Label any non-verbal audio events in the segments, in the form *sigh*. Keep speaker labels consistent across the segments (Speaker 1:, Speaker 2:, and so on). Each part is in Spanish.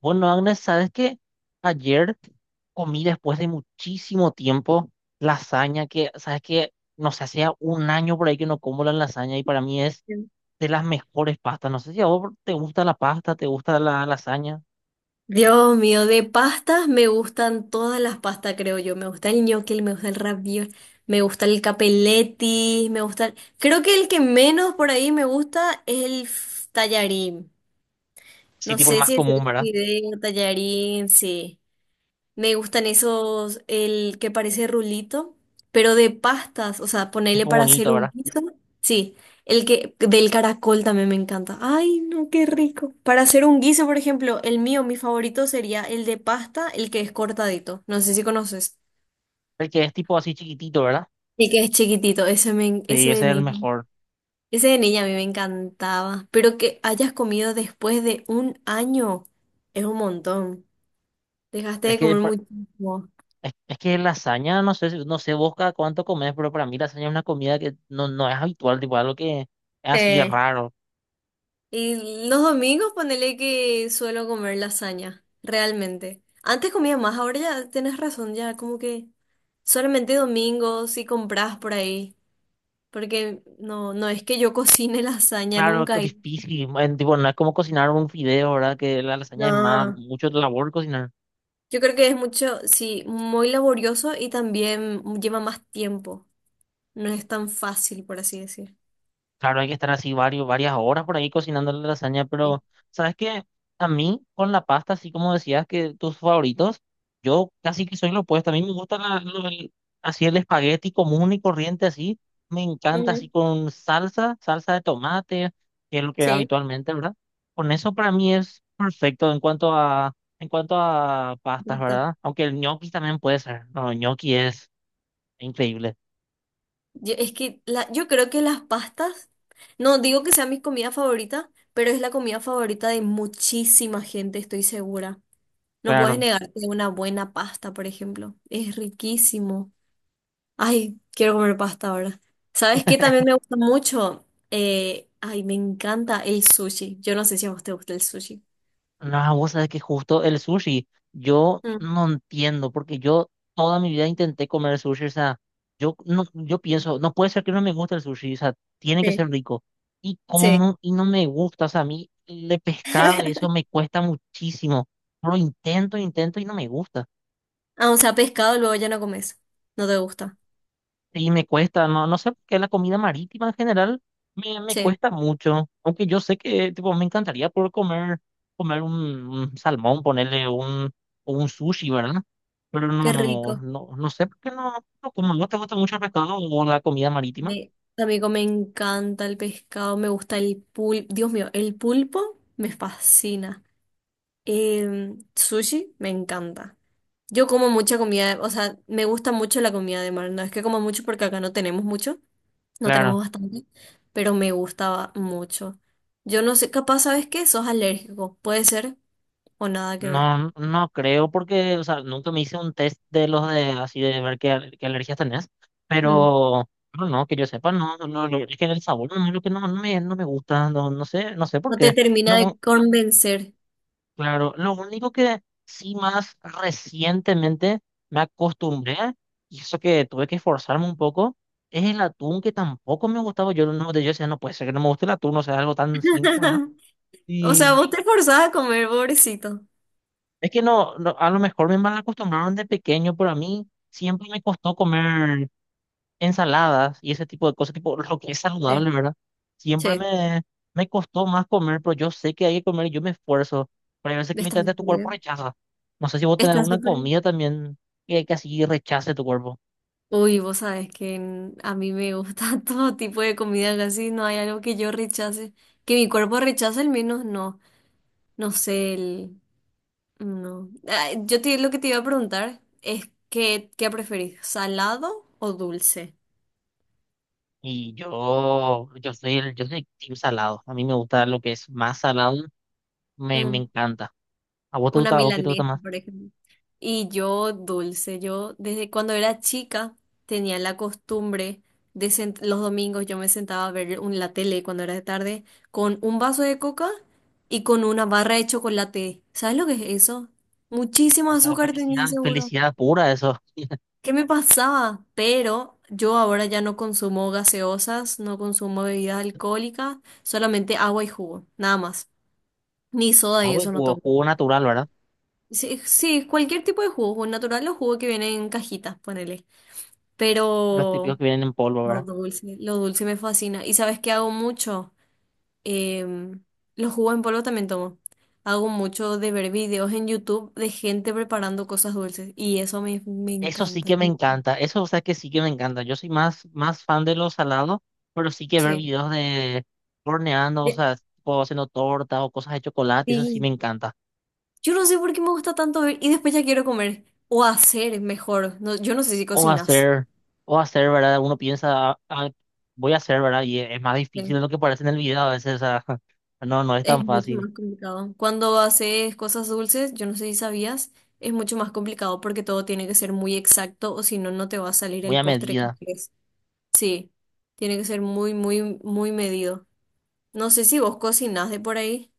Speaker 1: Bueno, Agnes, ¿sabes qué? Ayer comí después de muchísimo tiempo lasaña, que, ¿sabes qué? No sé, hacía un año por ahí que no como la lasaña y para mí es de las mejores pastas. No sé si a vos te gusta la pasta, te gusta la lasaña.
Speaker 2: Dios mío, de pastas me gustan todas las pastas, creo yo. Me gusta el ñoquel, me gusta el ravioli, me gusta el capelletti, me gusta. Creo que el que menos por ahí me gusta es el tallarín.
Speaker 1: Sí,
Speaker 2: No
Speaker 1: tipo el
Speaker 2: sé
Speaker 1: más
Speaker 2: si es el
Speaker 1: común, ¿verdad?
Speaker 2: fideo, tallarín, sí. Me gustan esos, el que parece rulito, pero de pastas, o sea, ponerle
Speaker 1: Tipo
Speaker 2: para hacer
Speaker 1: bonito,
Speaker 2: un
Speaker 1: ¿verdad?
Speaker 2: guiso. Sí, el que del caracol también me encanta. Ay, no, qué rico. Para hacer un guiso, por ejemplo, el mío, mi favorito sería el de pasta, el que es cortadito. No sé si conoces.
Speaker 1: El que es tipo así chiquitito, ¿verdad?
Speaker 2: El que es chiquitito, ese
Speaker 1: Sí,
Speaker 2: de
Speaker 1: ese es el
Speaker 2: niña.
Speaker 1: mejor.
Speaker 2: Ese de niña a mí me encantaba, pero que hayas comido después de un año es un montón. Dejaste
Speaker 1: Es
Speaker 2: de
Speaker 1: que,
Speaker 2: comer
Speaker 1: pa-
Speaker 2: muchísimo.
Speaker 1: es que lasaña, no sé, no sé vos cada cuánto comes, pero para mí lasaña es una comida que no es habitual, tipo algo que es así es
Speaker 2: Sí.
Speaker 1: raro.
Speaker 2: Y los domingos ponele que suelo comer lasaña, realmente. Antes comía más, ahora ya tienes razón, ya como que solamente domingos si compras por ahí, porque no, no es que yo *laughs* cocine lasaña
Speaker 1: Claro,
Speaker 2: nunca.
Speaker 1: difícil, man, tipo, no es como cocinar un fideo, ¿verdad? Que la lasaña es más,
Speaker 2: No.
Speaker 1: mucho labor cocinar.
Speaker 2: Yo creo que es mucho, sí, muy laborioso y también lleva más tiempo. No es tan fácil, por así decir.
Speaker 1: Claro, hay que estar así varios, varias horas por ahí cocinando la lasaña.
Speaker 2: Sí.
Speaker 1: Pero ¿sabes qué? A mí, con la pasta, así como decías que tus favoritos, yo casi que soy lo opuesto. A mí me gusta así el espagueti común y corriente, así. Me encanta así
Speaker 2: Ujú,
Speaker 1: con salsa, salsa de tomate, que es lo que
Speaker 2: sí.
Speaker 1: habitualmente, ¿verdad? Con eso para mí es perfecto en cuanto a pastas, ¿verdad?
Speaker 2: Bastante.
Speaker 1: Aunque el gnocchi también puede ser. No, el gnocchi es increíble.
Speaker 2: Es que la, yo creo que las pastas, no digo que sea mi comida favorita, pero es la comida favorita de muchísima gente, estoy segura. No puedes
Speaker 1: Claro.
Speaker 2: negarte una buena pasta, por ejemplo. Es riquísimo. Ay, quiero comer pasta ahora. ¿Sabes qué? También me gusta mucho. Ay, me encanta el sushi. Yo no sé si a vos te gusta el sushi.
Speaker 1: No, vos sabés que justo el sushi, yo
Speaker 2: Mm,
Speaker 1: no entiendo, porque yo toda mi vida intenté comer sushi, o sea, yo, no, yo pienso, no puede ser que no me guste el sushi, o sea, tiene que
Speaker 2: sí,
Speaker 1: ser rico. Y
Speaker 2: sí.
Speaker 1: como, y no me gusta, o sea, a mí el de pescado y eso
Speaker 2: *laughs*
Speaker 1: me cuesta muchísimo. Lo intento, intento y no me gusta.
Speaker 2: Ah, o sea, pescado luego ya no comes. No te gusta.
Speaker 1: Sí, me cuesta, no, no sé por qué la comida marítima en general me
Speaker 2: Sí,
Speaker 1: cuesta mucho. Aunque yo sé que tipo, me encantaría poder comer, comer un salmón, ponerle un, o un sushi, ¿verdad? Pero
Speaker 2: qué rico.
Speaker 1: no sé por qué no, no como no te gusta mucho el pescado o la comida marítima.
Speaker 2: También me encanta el pescado, me gusta el pulpo. Dios mío, el pulpo me fascina. Sushi me encanta. Yo como mucha comida, o sea, me gusta mucho la comida de mar. No es que como mucho porque acá no tenemos mucho, no tenemos
Speaker 1: Claro,
Speaker 2: bastante, pero me gustaba mucho. Yo no sé, capaz, ¿sabes qué? Sos alérgico, puede ser o nada que ver.
Speaker 1: no, no creo porque, o sea, nunca me hice un test de los de así de ver qué, qué alergias tenés.
Speaker 2: Mm,
Speaker 1: Pero no, que yo sepa, no, es que el sabor no es lo que no, no me gusta, no, no sé, no sé por
Speaker 2: No te
Speaker 1: qué.
Speaker 2: termina de
Speaker 1: Lo,
Speaker 2: convencer.
Speaker 1: Claro, lo único que sí más recientemente me acostumbré, y eso que tuve que esforzarme un poco, es el atún que tampoco me gustaba. Yo no, yo decía, no puede ser que no me guste el atún, o sea, algo tan simple, ¿verdad?
Speaker 2: *laughs* O sea,
Speaker 1: Y
Speaker 2: vos te forzás a comer, pobrecito.
Speaker 1: es que no, no, a lo mejor me mal acostumbraron de pequeño, pero a mí siempre me costó comer ensaladas y ese tipo de cosas, tipo lo que es saludable,
Speaker 2: Sí,
Speaker 1: ¿verdad? Siempre
Speaker 2: sí,
Speaker 1: me costó más comer, pero yo sé que hay que comer y yo me esfuerzo. Pero hay veces que
Speaker 2: está
Speaker 1: literalmente tu cuerpo
Speaker 2: bien.
Speaker 1: rechaza. No sé si vos tenés
Speaker 2: Está
Speaker 1: alguna
Speaker 2: súper.
Speaker 1: comida también que así rechace tu cuerpo.
Speaker 2: Uy, vos sabes que a mí me gusta *laughs* todo tipo de comida, casi no hay algo que yo rechace. Que mi cuerpo rechace, al menos no. No sé, el. No. Ah, lo que te iba a preguntar es: ¿qué preferís? ¿Salado o dulce?
Speaker 1: Y yo soy el, yo soy team salado. A mí me gusta lo que es más salado, me
Speaker 2: Mm.
Speaker 1: encanta. ¿A vos te
Speaker 2: Una
Speaker 1: gusta, a vos qué te gusta
Speaker 2: milanesa,
Speaker 1: más?
Speaker 2: por ejemplo. Y yo dulce, yo desde cuando era chica tenía la costumbre los domingos yo me sentaba a ver la tele cuando era de tarde con un vaso de coca y con una barra de chocolate. ¿Sabes lo que es eso? Muchísimo
Speaker 1: Esa es
Speaker 2: azúcar tenía
Speaker 1: felicidad,
Speaker 2: seguro.
Speaker 1: felicidad pura, eso.
Speaker 2: ¿Qué me pasaba? Pero yo ahora ya no consumo gaseosas, no consumo bebidas alcohólicas, solamente agua y jugo, nada más. Ni soda y
Speaker 1: Agua y
Speaker 2: eso no
Speaker 1: jugo,
Speaker 2: tomo.
Speaker 1: jugo natural, ¿verdad?
Speaker 2: Sí, sí, cualquier tipo de jugo, jugo natural o jugo que viene en cajitas, ponele.
Speaker 1: Los típicos
Speaker 2: Pero
Speaker 1: que vienen en polvo, ¿verdad?
Speaker 2: lo dulce me fascina. ¿Y sabes qué hago mucho? Em, los jugos en polvo también tomo. Hago mucho de ver videos en YouTube de gente preparando cosas dulces y eso me
Speaker 1: Eso sí
Speaker 2: encanta.
Speaker 1: que me encanta, eso o sea que sí que me encanta. Yo soy más, más fan de los salados, pero sí que ver
Speaker 2: Sí.
Speaker 1: videos de horneando, o
Speaker 2: Eh,
Speaker 1: sea, tipo haciendo tortas o cosas de chocolate, eso sí
Speaker 2: Sí.
Speaker 1: me encanta.
Speaker 2: Yo no sé por qué me gusta tanto ver y después ya quiero comer o hacer mejor. No, yo no sé si
Speaker 1: O
Speaker 2: cocinas.
Speaker 1: hacer, o hacer, ¿verdad? Uno piensa, "Ah, ah, voy a hacer, ¿verdad? Y es más difícil de lo que parece en el video a veces, o sea, *laughs* no, no es
Speaker 2: Es
Speaker 1: tan
Speaker 2: mucho
Speaker 1: fácil,
Speaker 2: más complicado. Cuando haces cosas dulces, yo no sé si sabías, es mucho más complicado porque todo tiene que ser muy exacto o si no, no te va a salir
Speaker 1: muy
Speaker 2: el
Speaker 1: a
Speaker 2: postre que
Speaker 1: medida.
Speaker 2: quieres. Sí, tiene que ser muy, muy, muy medido. No sé si vos cocinás de por ahí.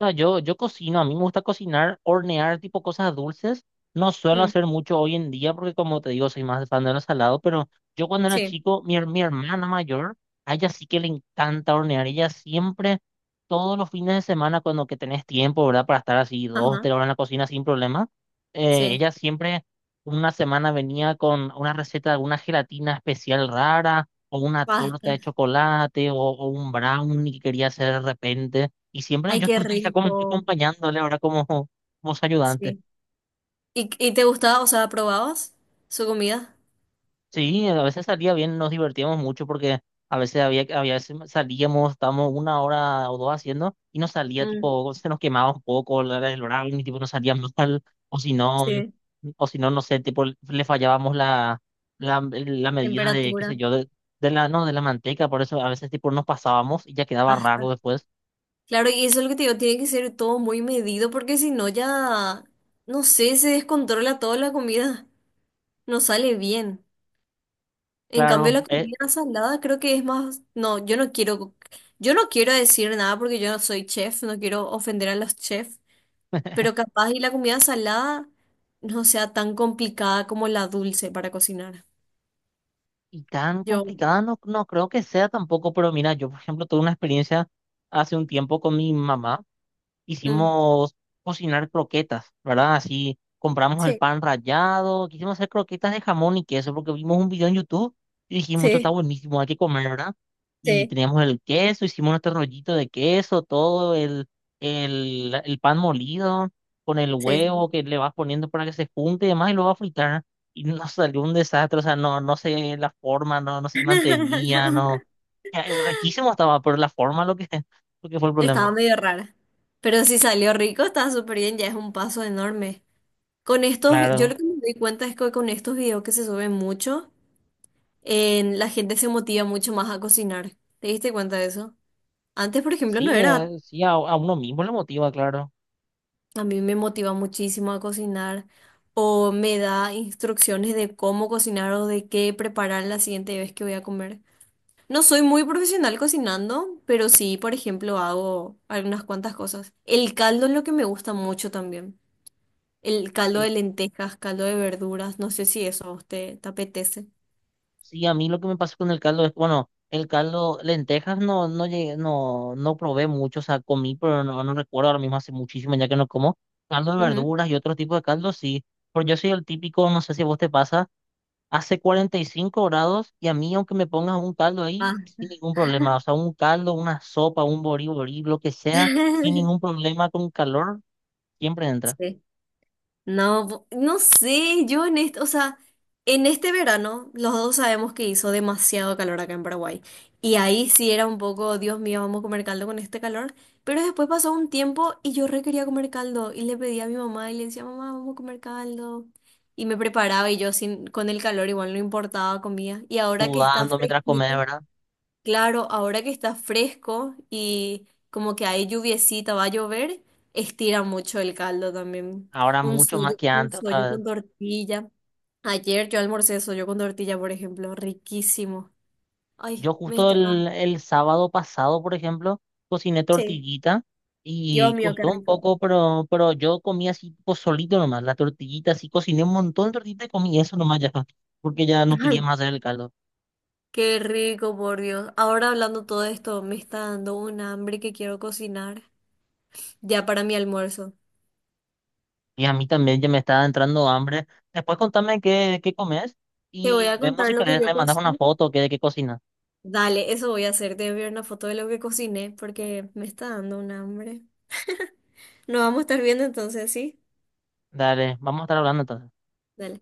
Speaker 1: No, yo cocino, a mí me gusta cocinar, hornear tipo cosas dulces. No suelo
Speaker 2: Mm,
Speaker 1: hacer mucho hoy en día porque como te digo, soy más fan de lo salado, pero yo cuando era
Speaker 2: sí,
Speaker 1: chico, mi hermana mayor, a ella sí que le encanta hornear. Ella siempre, todos los fines de semana, cuando que tenés tiempo, ¿verdad? Para estar así dos,
Speaker 2: ajá,
Speaker 1: tres horas en la cocina sin problema,
Speaker 2: sí.
Speaker 1: ella siempre una semana venía con una receta de alguna gelatina especial rara o una
Speaker 2: Basta.
Speaker 1: torta de chocolate o un brownie que quería hacer de repente. Y siempre
Speaker 2: Ay,
Speaker 1: yo
Speaker 2: qué
Speaker 1: estaba ahí como que
Speaker 2: rico.
Speaker 1: acompañándole ahora como, como su ayudante.
Speaker 2: Sí. ¿Y te gustaba, o sea, probabas su comida?
Speaker 1: Sí, a veces salía bien, nos divertíamos mucho porque a veces había, había veces salíamos, estábamos una hora o dos haciendo y nos salía
Speaker 2: Mm,
Speaker 1: tipo, se nos quemaba un poco el horario y tipo nos salíamos tal, o si no,
Speaker 2: sí.
Speaker 1: o si no, no sé, tipo le fallábamos la medida de, qué
Speaker 2: Temperatura.
Speaker 1: sé yo, de la, no, de la manteca, por eso a veces tipo nos pasábamos y ya quedaba raro
Speaker 2: Basta.
Speaker 1: después.
Speaker 2: Claro, y eso es lo que te digo, tiene que ser todo muy medido porque si no ya, no sé, se descontrola toda la comida, no sale bien. En cambio
Speaker 1: Claro.
Speaker 2: la comida salada creo que es más, no, yo no quiero decir nada porque yo no soy chef, no quiero ofender a los chefs, pero capaz y la comida salada no sea tan complicada como la dulce para cocinar.
Speaker 1: Y tan
Speaker 2: Yo,
Speaker 1: complicada no, no creo que sea tampoco, pero mira, yo por ejemplo tuve una experiencia hace un tiempo con mi mamá.
Speaker 2: mm,
Speaker 1: Hicimos cocinar croquetas, ¿verdad? Así compramos el
Speaker 2: Sí,
Speaker 1: pan rallado, quisimos hacer croquetas de jamón y queso porque vimos un video en YouTube y dijimos, esto está
Speaker 2: sí,
Speaker 1: buenísimo, hay que comer, ¿verdad? Y
Speaker 2: sí,
Speaker 1: teníamos el queso, hicimos nuestro rollito de queso, todo el pan molido con el
Speaker 2: sí. Sí.
Speaker 1: huevo que le vas poniendo para que se junte y demás y lo vas a fritar. Y nos salió un desastre, o sea, no, no sé la forma, no, no se
Speaker 2: *laughs*
Speaker 1: mantenía, no. Eh, riquísimo estaba, pero la forma lo que, *laughs* lo que fue el
Speaker 2: Estaba
Speaker 1: problema.
Speaker 2: medio rara. Pero si salió rico, está súper bien, ya es un paso enorme. Con estos, yo
Speaker 1: Claro.
Speaker 2: lo que me doy cuenta es que con estos videos que se suben mucho, la gente se motiva mucho más a cocinar. ¿Te diste cuenta de eso? Antes, por ejemplo, no
Speaker 1: Sí,
Speaker 2: era.
Speaker 1: sí, a uno mismo le motiva, claro.
Speaker 2: A mí me motiva muchísimo a cocinar o me da instrucciones de cómo cocinar o de qué preparar la siguiente vez que voy a comer. No soy muy profesional cocinando, pero sí, por ejemplo, hago algunas cuantas cosas. El caldo es lo que me gusta mucho también. El caldo
Speaker 1: El
Speaker 2: de
Speaker 1: ca-
Speaker 2: lentejas, caldo de verduras, no sé si eso a usted te apetece.
Speaker 1: sí, a mí lo que me pasa con el caldo es, bueno, el caldo, lentejas no, no llegué, no, no probé mucho, o sea, comí, pero no, no recuerdo ahora mismo hace muchísimo ya que no como. Caldo de
Speaker 2: Ujú.
Speaker 1: verduras y otro tipo de caldo, sí. Pero yo soy el típico, no sé si a vos te pasa, hace 45 grados y a mí, aunque me pongas un caldo
Speaker 2: Ah,
Speaker 1: ahí, sin ningún problema. O sea, un caldo, una sopa, un boriborí, lo que sea,
Speaker 2: *laughs*
Speaker 1: sin ningún problema con calor, siempre entra.
Speaker 2: sí. No, no sé, yo en este, o sea, en este verano los dos sabemos que hizo demasiado calor acá en Paraguay. Y ahí sí era un poco, Dios mío, vamos a comer caldo con este calor. Pero después pasó un tiempo y yo re quería comer caldo. Y le pedí a mi mamá y le decía, mamá, vamos a comer caldo. Y me preparaba y yo sin, con el calor igual no importaba, comía. Y ahora que está
Speaker 1: Sudando mientras
Speaker 2: fresquito.
Speaker 1: comes, ¿verdad?
Speaker 2: Claro, ahora que está fresco y como que hay lluviecita, va a llover, estira mucho el caldo también.
Speaker 1: Ahora mucho más que
Speaker 2: Un
Speaker 1: antes,
Speaker 2: sollo
Speaker 1: otra vez.
Speaker 2: con tortilla. Ayer yo almorcé sollo con tortilla, por ejemplo, riquísimo. Ay,
Speaker 1: Yo
Speaker 2: me
Speaker 1: justo
Speaker 2: está...
Speaker 1: el sábado pasado, por ejemplo, cociné
Speaker 2: Sí,
Speaker 1: tortillita
Speaker 2: Dios
Speaker 1: y
Speaker 2: mío, qué
Speaker 1: costó un
Speaker 2: rico.
Speaker 1: poco, pero yo comí así tipo solito nomás, la tortillita, así cociné un montón de tortillita y comí eso nomás ya, *laughs* porque ya no quería
Speaker 2: Ay,
Speaker 1: más hacer el caldo.
Speaker 2: qué rico, por Dios. Ahora hablando todo esto, me está dando un hambre que quiero cocinar ya para mi almuerzo.
Speaker 1: Y a mí también ya me estaba entrando hambre. Después contame qué, qué comes
Speaker 2: Te voy
Speaker 1: y
Speaker 2: a
Speaker 1: vemos
Speaker 2: contar
Speaker 1: si
Speaker 2: lo que
Speaker 1: querés
Speaker 2: yo
Speaker 1: me mandas una
Speaker 2: cocino.
Speaker 1: foto que de qué cocinas.
Speaker 2: Dale, eso voy a hacer. Te voy a ver una foto de lo que cociné porque me está dando un hambre. *laughs* Nos vamos a estar viendo entonces, ¿sí?
Speaker 1: Dale, vamos a estar hablando entonces.
Speaker 2: Dale.